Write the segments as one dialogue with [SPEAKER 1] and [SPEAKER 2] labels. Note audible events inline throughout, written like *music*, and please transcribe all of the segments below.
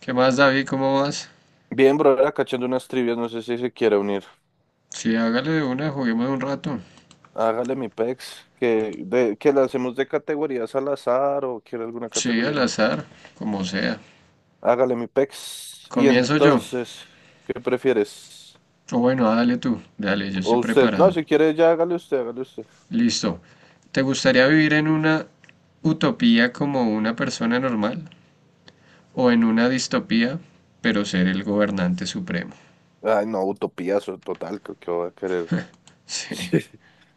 [SPEAKER 1] ¿Qué más, David? ¿Cómo vas?
[SPEAKER 2] Bien, bro, era cachando unas trivias, no sé si se quiere unir.
[SPEAKER 1] Sí, hágale de una, juguemos un rato.
[SPEAKER 2] Hágale mi pex, que la hacemos de categorías al azar o quiere alguna
[SPEAKER 1] Sí,
[SPEAKER 2] categoría
[SPEAKER 1] al
[SPEAKER 2] en especial.
[SPEAKER 1] azar, como sea.
[SPEAKER 2] Hágale mi pex. Y
[SPEAKER 1] Comienzo yo.
[SPEAKER 2] entonces, ¿qué prefieres?
[SPEAKER 1] O bueno, dale tú. Dale, yo estoy
[SPEAKER 2] O usted, no,
[SPEAKER 1] preparado.
[SPEAKER 2] si quiere ya hágale usted, hágale usted.
[SPEAKER 1] Listo. ¿Te gustaría vivir en una utopía como una persona normal? ¿O en una distopía, pero ser el gobernante supremo?
[SPEAKER 2] Ay, no, utopiazo total, que va a querer. *laughs*
[SPEAKER 1] *laughs* Sí,
[SPEAKER 2] Sí.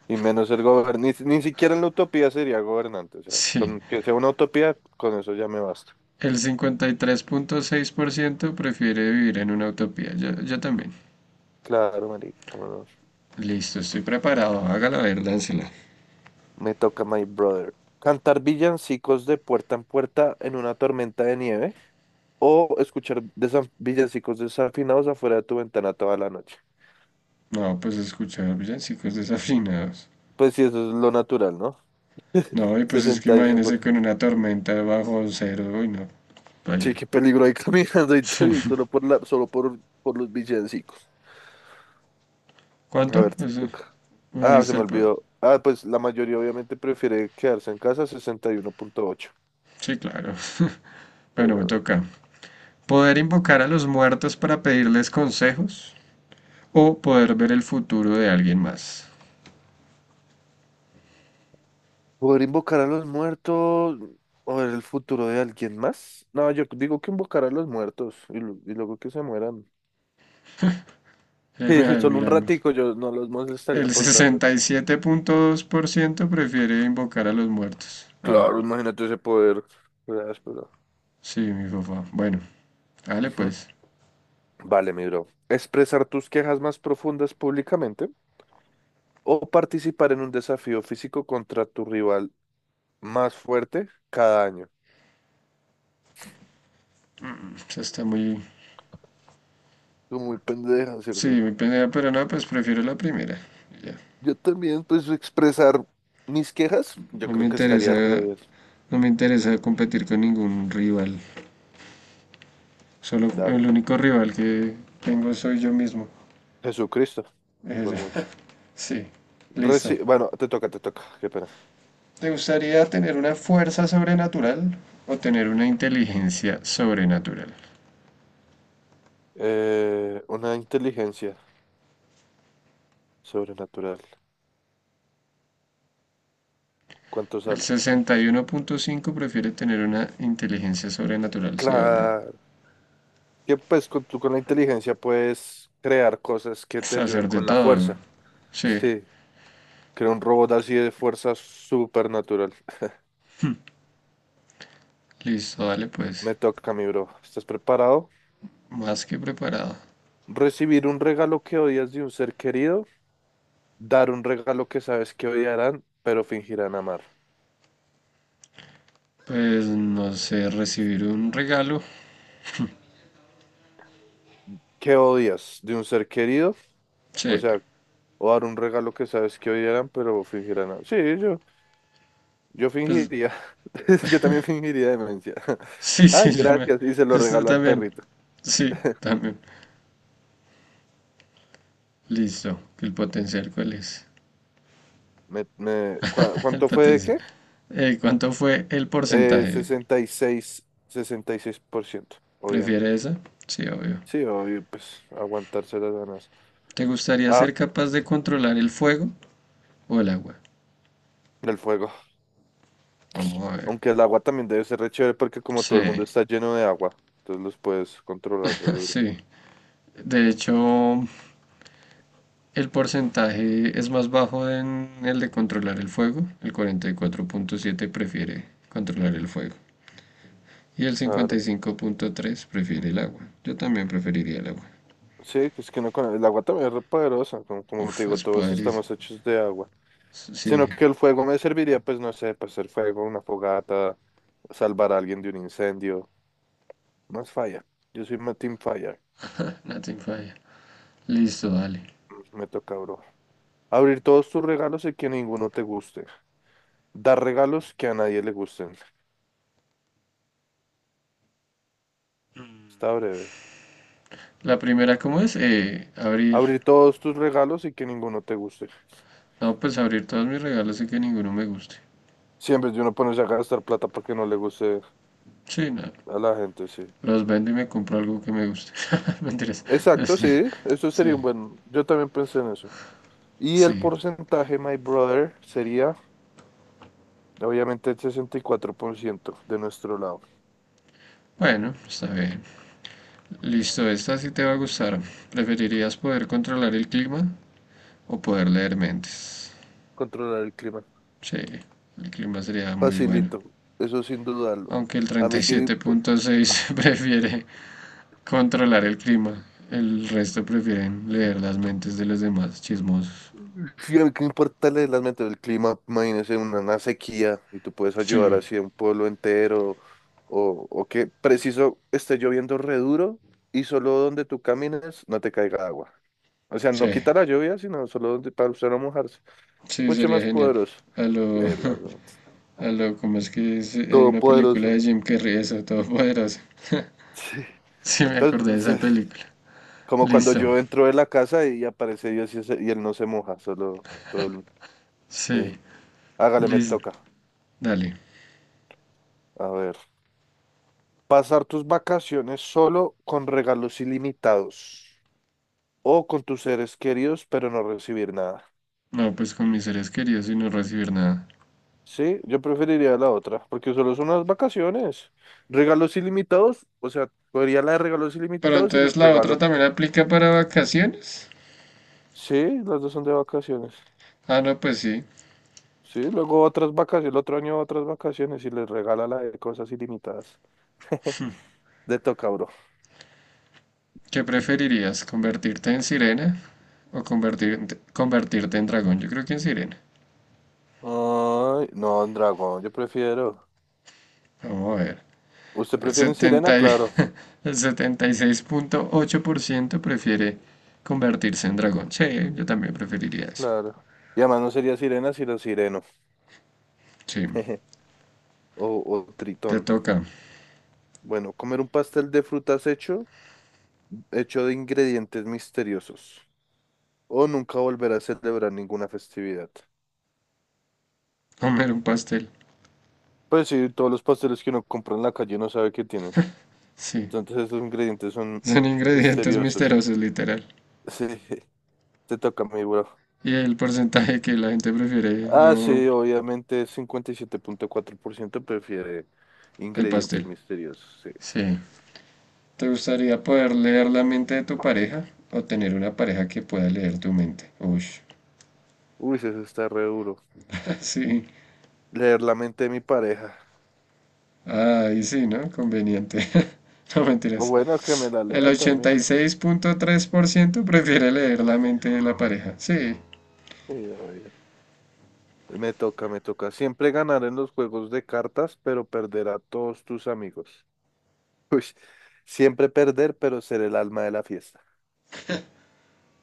[SPEAKER 2] Y menos ser gobernante, ni siquiera en la utopía sería gobernante, o sea,
[SPEAKER 1] sí.
[SPEAKER 2] con que sea una utopía, con eso ya me basta.
[SPEAKER 1] El 53.6% prefiere vivir en una utopía. Yo también.
[SPEAKER 2] Claro, marica, cómo no.
[SPEAKER 1] Listo, estoy preparado. Hágala ver, dánsela.
[SPEAKER 2] Me toca, my brother. Cantar villancicos de puerta en puerta en una tormenta de nieve o escuchar villancicos desafinados afuera de tu ventana toda la noche.
[SPEAKER 1] No, pues escuchar villancicos desafinados.
[SPEAKER 2] Pues sí, eso es lo natural, ¿no?
[SPEAKER 1] No, y pues es que
[SPEAKER 2] Sesenta y diez
[SPEAKER 1] imagínese
[SPEAKER 2] por…
[SPEAKER 1] con una tormenta bajo cero, uy, no.
[SPEAKER 2] Sí,
[SPEAKER 1] Vaya.
[SPEAKER 2] qué peligro ahí *laughs* caminando y
[SPEAKER 1] Sí.
[SPEAKER 2] tal, solo por la, solo por los villancicos. A
[SPEAKER 1] ¿Cuánto?
[SPEAKER 2] ver, te
[SPEAKER 1] Ese-
[SPEAKER 2] toca.
[SPEAKER 1] ahí
[SPEAKER 2] Ah, se
[SPEAKER 1] está
[SPEAKER 2] me
[SPEAKER 1] el pro-
[SPEAKER 2] olvidó. Ah, pues la mayoría obviamente prefiere quedarse en casa, 61.8.
[SPEAKER 1] Sí, claro. *laughs*
[SPEAKER 2] Sí,
[SPEAKER 1] Bueno, me
[SPEAKER 2] obvio.
[SPEAKER 1] toca. ¿Poder invocar a los muertos para pedirles consejos? ¿O poder ver el futuro de alguien más?
[SPEAKER 2] ¿Poder invocar a los muertos o ver el futuro de alguien más? No, yo digo que invocar a los muertos y luego que se mueran.
[SPEAKER 1] A
[SPEAKER 2] *laughs*
[SPEAKER 1] ver,
[SPEAKER 2] Solo un
[SPEAKER 1] miramos.
[SPEAKER 2] ratico, yo no los molestaría
[SPEAKER 1] El
[SPEAKER 2] por tanto.
[SPEAKER 1] 67.2% prefiere invocar a los muertos. Ah,
[SPEAKER 2] Claro, imagínate ese poder. Gracias, pero…
[SPEAKER 1] sí, mi papá. Bueno, dale
[SPEAKER 2] Ujú.
[SPEAKER 1] pues.
[SPEAKER 2] Vale, mi bro. Expresar tus quejas más profundas públicamente o participar en un desafío físico contra tu rival más fuerte cada año.
[SPEAKER 1] Eso está muy.
[SPEAKER 2] Tú muy pendeja,
[SPEAKER 1] Sí,
[SPEAKER 2] ¿cierto?
[SPEAKER 1] mi pelea, pero no, pues prefiero la primera. Ya.
[SPEAKER 2] Yo también, pues, expresar mis quejas, yo
[SPEAKER 1] No me
[SPEAKER 2] creo que estaría re
[SPEAKER 1] interesa,
[SPEAKER 2] bien,
[SPEAKER 1] no me interesa competir con ningún rival. Solo el
[SPEAKER 2] claro.
[SPEAKER 1] único rival que tengo soy yo mismo.
[SPEAKER 2] Jesucristo, por
[SPEAKER 1] Eh,
[SPEAKER 2] mucho.
[SPEAKER 1] *laughs* Sí, listo.
[SPEAKER 2] Reci- bueno, te toca, qué pena.
[SPEAKER 1] ¿Te gustaría tener una fuerza sobrenatural o tener una inteligencia sobrenatural?
[SPEAKER 2] Una inteligencia sobrenatural. ¿Cuánto
[SPEAKER 1] El
[SPEAKER 2] sale?
[SPEAKER 1] 61.5 prefiere tener una inteligencia sobrenatural, sí, obvio.
[SPEAKER 2] Claro, que pues con, tú con la inteligencia puedes crear cosas que te ayuden
[SPEAKER 1] Sacerdote
[SPEAKER 2] con la
[SPEAKER 1] todo. Güey.
[SPEAKER 2] fuerza.
[SPEAKER 1] Sí,
[SPEAKER 2] Sí, creo un robot así de fuerza supernatural. *laughs*
[SPEAKER 1] listo, dale pues.
[SPEAKER 2] Me toca, mi bro. ¿Estás preparado?
[SPEAKER 1] Más que preparado.
[SPEAKER 2] Recibir un regalo que odias de un ser querido, dar un regalo que sabes que odiarán, pero fingirán amar.
[SPEAKER 1] Pues no sé, recibir un regalo.
[SPEAKER 2] ¿Qué odias de un ser querido? O
[SPEAKER 1] Sí,
[SPEAKER 2] sea, o dar un regalo que sabes que odiarán, pero fingirán. A- sí, yo
[SPEAKER 1] pues
[SPEAKER 2] fingiría. *laughs* Yo también fingiría demencia. *laughs*
[SPEAKER 1] sí, *laughs* sí,
[SPEAKER 2] Ay,
[SPEAKER 1] yo me.
[SPEAKER 2] gracias. Y se lo
[SPEAKER 1] Esto
[SPEAKER 2] regalo al
[SPEAKER 1] también.
[SPEAKER 2] perrito.
[SPEAKER 1] Sí,
[SPEAKER 2] *laughs*
[SPEAKER 1] también. Listo. ¿El potencial cuál es? *laughs* El
[SPEAKER 2] ¿Cuánto fue de
[SPEAKER 1] potencial.
[SPEAKER 2] qué?
[SPEAKER 1] ¿Cuánto fue el porcentaje?
[SPEAKER 2] 66%
[SPEAKER 1] ¿Prefiere
[SPEAKER 2] obviamente.
[SPEAKER 1] esa? Sí, obvio.
[SPEAKER 2] Sí, obvio, pues aguantarse las ganas.
[SPEAKER 1] ¿Te gustaría
[SPEAKER 2] Ah,
[SPEAKER 1] ser capaz de controlar el fuego o el agua?
[SPEAKER 2] el fuego.
[SPEAKER 1] Vamos a ver.
[SPEAKER 2] Aunque el agua también debe ser re chévere porque como todo
[SPEAKER 1] Sí,
[SPEAKER 2] el mundo está lleno de agua, entonces los puedes controlar re
[SPEAKER 1] *laughs*
[SPEAKER 2] duro.
[SPEAKER 1] sí. De hecho, el porcentaje es más bajo en el de controlar el fuego. El 44.7 prefiere controlar el fuego. Y el cincuenta y
[SPEAKER 2] Claro.
[SPEAKER 1] cinco punto tres prefiere el agua. Yo también preferiría el agua.
[SPEAKER 2] Sí, que es que no, con el agua también es re poderosa, como te
[SPEAKER 1] Uf,
[SPEAKER 2] digo,
[SPEAKER 1] es
[SPEAKER 2] todos
[SPEAKER 1] podrido.
[SPEAKER 2] estamos hechos de agua. Sino
[SPEAKER 1] Sí,
[SPEAKER 2] que el fuego me serviría, pues no sé, para hacer fuego, una fogata, salvar a alguien de un incendio. Más falla. Yo soy Team Fire.
[SPEAKER 1] nothing falla. Listo, dale.
[SPEAKER 2] Me toca, bro. Abrir todos tus regalos y que ninguno te guste. Dar regalos que a nadie le gusten. Está breve.
[SPEAKER 1] La primera, ¿cómo es? Abrir.
[SPEAKER 2] Abrir todos tus regalos y que ninguno te guste.
[SPEAKER 1] No, pues abrir todos mis regalos y que ninguno me guste.
[SPEAKER 2] Siempre de uno ponerse a gastar plata porque no le guste
[SPEAKER 1] Sí, no.
[SPEAKER 2] a la gente, sí.
[SPEAKER 1] Los vendo y me compro algo que me guste. *laughs* Mentiras.
[SPEAKER 2] Exacto,
[SPEAKER 1] Sí,
[SPEAKER 2] sí. Eso
[SPEAKER 1] sí,
[SPEAKER 2] sería un buen. Yo también pensé en eso. Y el
[SPEAKER 1] sí.
[SPEAKER 2] porcentaje, my brother, sería obviamente el 64% de nuestro lado.
[SPEAKER 1] Bueno, está bien. Listo, esta sí te va a gustar. ¿Preferirías poder controlar el clima o poder leer mentes?
[SPEAKER 2] Controlar el clima.
[SPEAKER 1] Sí, el clima sería muy bueno.
[SPEAKER 2] Facilito, eso sin dudarlo.
[SPEAKER 1] Aunque el
[SPEAKER 2] A mí que me, impo-
[SPEAKER 1] 37.6 *laughs* prefiere controlar el clima, el resto prefieren leer las mentes de los demás chismosos.
[SPEAKER 2] sí, a mí que me importa el del clima, imagínese una sequía y tú puedes ayudar
[SPEAKER 1] Sí,
[SPEAKER 2] así a un pueblo entero o que preciso esté lloviendo re duro y solo donde tú camines no te caiga agua. O sea, no
[SPEAKER 1] sí,
[SPEAKER 2] quita la lluvia, sino solo donde para usted no mojarse.
[SPEAKER 1] sí,
[SPEAKER 2] Mucho
[SPEAKER 1] sería
[SPEAKER 2] más
[SPEAKER 1] genial.
[SPEAKER 2] poderoso.
[SPEAKER 1] A lo,
[SPEAKER 2] Leerla, ¿no?
[SPEAKER 1] como *laughs* es que hay una película
[SPEAKER 2] Todopoderoso.
[SPEAKER 1] de Jim Carrey, eso, Todopoderoso. *laughs*
[SPEAKER 2] Sí.
[SPEAKER 1] Sí, me acordé de
[SPEAKER 2] Pero
[SPEAKER 1] esa película.
[SPEAKER 2] como cuando
[SPEAKER 1] Listo,
[SPEAKER 2] yo entro de la casa y aparece Dios y él no se moja, solo todo el…
[SPEAKER 1] sí,
[SPEAKER 2] Sí. Hágale, me
[SPEAKER 1] listo,
[SPEAKER 2] toca.
[SPEAKER 1] dale.
[SPEAKER 2] A ver. Pasar tus vacaciones solo con regalos ilimitados o con tus seres queridos, pero no recibir nada.
[SPEAKER 1] No, pues con mis seres queridos y no recibir nada.
[SPEAKER 2] Sí, yo preferiría la otra, porque solo son unas vacaciones. Regalos ilimitados, o sea, cogería la de regalos
[SPEAKER 1] Pero
[SPEAKER 2] ilimitados y los
[SPEAKER 1] entonces la otra
[SPEAKER 2] regalo.
[SPEAKER 1] también aplica para vacaciones.
[SPEAKER 2] Sí, las dos son de vacaciones.
[SPEAKER 1] Ah, no, pues sí.
[SPEAKER 2] Sí, luego otras vacaciones, el otro año otras vacaciones y les regala la de cosas ilimitadas. *laughs* De toca, bro.
[SPEAKER 1] ¿Qué preferirías? ¿Convertirte en sirena o convertirte en dragón? Yo creo que en sirena.
[SPEAKER 2] Ay, no, un dragón, yo prefiero.
[SPEAKER 1] Vamos a ver.
[SPEAKER 2] ¿Usted
[SPEAKER 1] El
[SPEAKER 2] prefiere en sirena?
[SPEAKER 1] 70 y-
[SPEAKER 2] Claro,
[SPEAKER 1] *laughs* el 76.8% prefiere convertirse en dragón. Sí, yo también preferiría eso.
[SPEAKER 2] claro. Y además no sería sirena, sino sireno.
[SPEAKER 1] Sí,
[SPEAKER 2] *laughs* O, o
[SPEAKER 1] te
[SPEAKER 2] tritón.
[SPEAKER 1] toca
[SPEAKER 2] Bueno, comer un pastel de frutas hecho de ingredientes misteriosos. O nunca volver a celebrar ninguna festividad.
[SPEAKER 1] comer un pastel.
[SPEAKER 2] Pues sí, todos los pasteles que uno compra en la calle no sabe qué tienen.
[SPEAKER 1] Sí,
[SPEAKER 2] Entonces esos ingredientes son
[SPEAKER 1] son ingredientes
[SPEAKER 2] misteriosos.
[SPEAKER 1] misteriosos, literal.
[SPEAKER 2] *laughs* Sí. Te toca a mí, bro.
[SPEAKER 1] Y el porcentaje que la gente prefiere,
[SPEAKER 2] Ah,
[SPEAKER 1] no,
[SPEAKER 2] sí, obviamente 57.4% prefiere
[SPEAKER 1] el
[SPEAKER 2] ingredientes
[SPEAKER 1] pastel.
[SPEAKER 2] misteriosos. Sí.
[SPEAKER 1] Sí. ¿Te gustaría poder leer la mente de tu pareja o tener una pareja que pueda leer tu mente? Uy, *laughs*
[SPEAKER 2] Uy, eso está re duro.
[SPEAKER 1] sí,
[SPEAKER 2] Leer la mente de mi pareja.
[SPEAKER 1] ahí sí, ¿no? Conveniente. *laughs* No
[SPEAKER 2] O
[SPEAKER 1] mentiras.
[SPEAKER 2] bueno, que me la
[SPEAKER 1] El
[SPEAKER 2] lea
[SPEAKER 1] ochenta y
[SPEAKER 2] también.
[SPEAKER 1] seis punto tres por ciento prefiere leer la mente de la pareja. Sí.
[SPEAKER 2] Sí, obvio. Me toca, me toca. Siempre ganar en los juegos de cartas, pero perder a todos tus amigos. *laughs* Uy, siempre perder, pero ser el alma de la fiesta.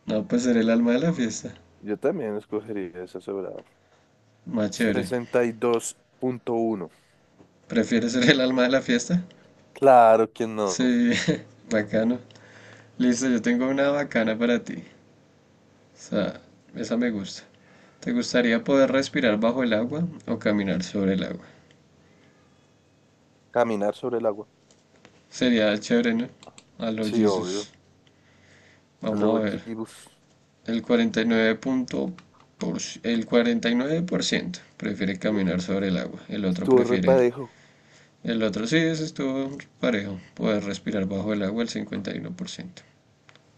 [SPEAKER 1] No, pues ser el alma de la fiesta.
[SPEAKER 2] Yo también escogería esa sobrada.
[SPEAKER 1] Más chévere.
[SPEAKER 2] 62.1.
[SPEAKER 1] ¿Prefieres ser el alma de la fiesta?
[SPEAKER 2] Claro que no.
[SPEAKER 1] Sí, *laughs* bacano. Listo, yo tengo una bacana para ti. O sea, esa me gusta. ¿Te gustaría poder respirar bajo el agua o caminar sobre el agua?
[SPEAKER 2] Caminar sobre el agua.
[SPEAKER 1] Sería chévere, ¿no? A los
[SPEAKER 2] Sí, obvio.
[SPEAKER 1] Jesus.
[SPEAKER 2] A
[SPEAKER 1] Vamos
[SPEAKER 2] lo
[SPEAKER 1] a ver.
[SPEAKER 2] Jibus.
[SPEAKER 1] El 49 punto el 49% prefiere caminar sobre el agua. El otro
[SPEAKER 2] Estuvo
[SPEAKER 1] prefiere.
[SPEAKER 2] repadejo.
[SPEAKER 1] El otro sí, ese estuvo parejo. Poder respirar bajo el agua, el 51%.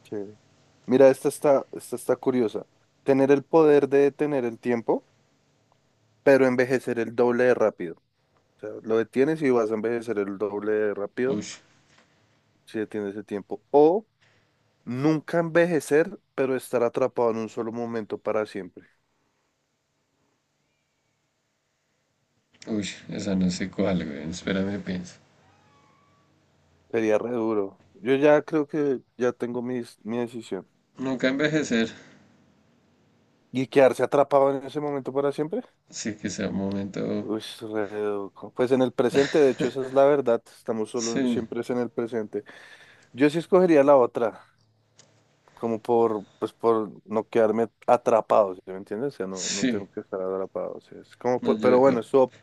[SPEAKER 2] Chévere. Mira, esta está curiosa. Tener el poder de detener el tiempo, pero envejecer el doble de rápido. O sea, lo detienes y vas a envejecer el doble de rápido
[SPEAKER 1] Uy,
[SPEAKER 2] si detienes el tiempo. O nunca envejecer, pero estar atrapado en un solo momento para siempre.
[SPEAKER 1] uy, esa no sé cuál, güey. Espérame, pienso.
[SPEAKER 2] Sería re duro. Yo ya creo que ya tengo mi decisión.
[SPEAKER 1] Nunca envejecer.
[SPEAKER 2] ¿Y quedarse atrapado en ese momento para siempre?
[SPEAKER 1] Sí, que sea un momento.
[SPEAKER 2] Uy, pues en el presente, de hecho, esa es la verdad, estamos solo
[SPEAKER 1] Sí,
[SPEAKER 2] siempre es en el presente. Yo sí escogería la otra, como por, pues por no quedarme atrapado, ¿sí me entiendes? O sea, no, no
[SPEAKER 1] sí.
[SPEAKER 2] tengo que estar atrapado, o sea, es como
[SPEAKER 1] No,
[SPEAKER 2] pero bueno,
[SPEAKER 1] yo.
[SPEAKER 2] eso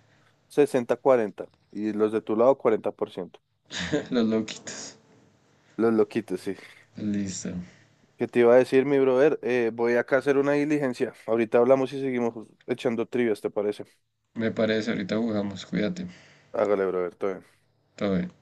[SPEAKER 2] 60/40 y los de tu lado 40%.
[SPEAKER 1] *laughs* Los loquitos.
[SPEAKER 2] Los loquitos, sí.
[SPEAKER 1] Listo.
[SPEAKER 2] ¿Qué te iba a decir, mi brother? Voy acá a hacer una diligencia. Ahorita hablamos y seguimos echando trivias, ¿te parece?
[SPEAKER 1] Me parece, ahorita jugamos. Cuídate.
[SPEAKER 2] Hágale, brother, todo bien.
[SPEAKER 1] Todo bien.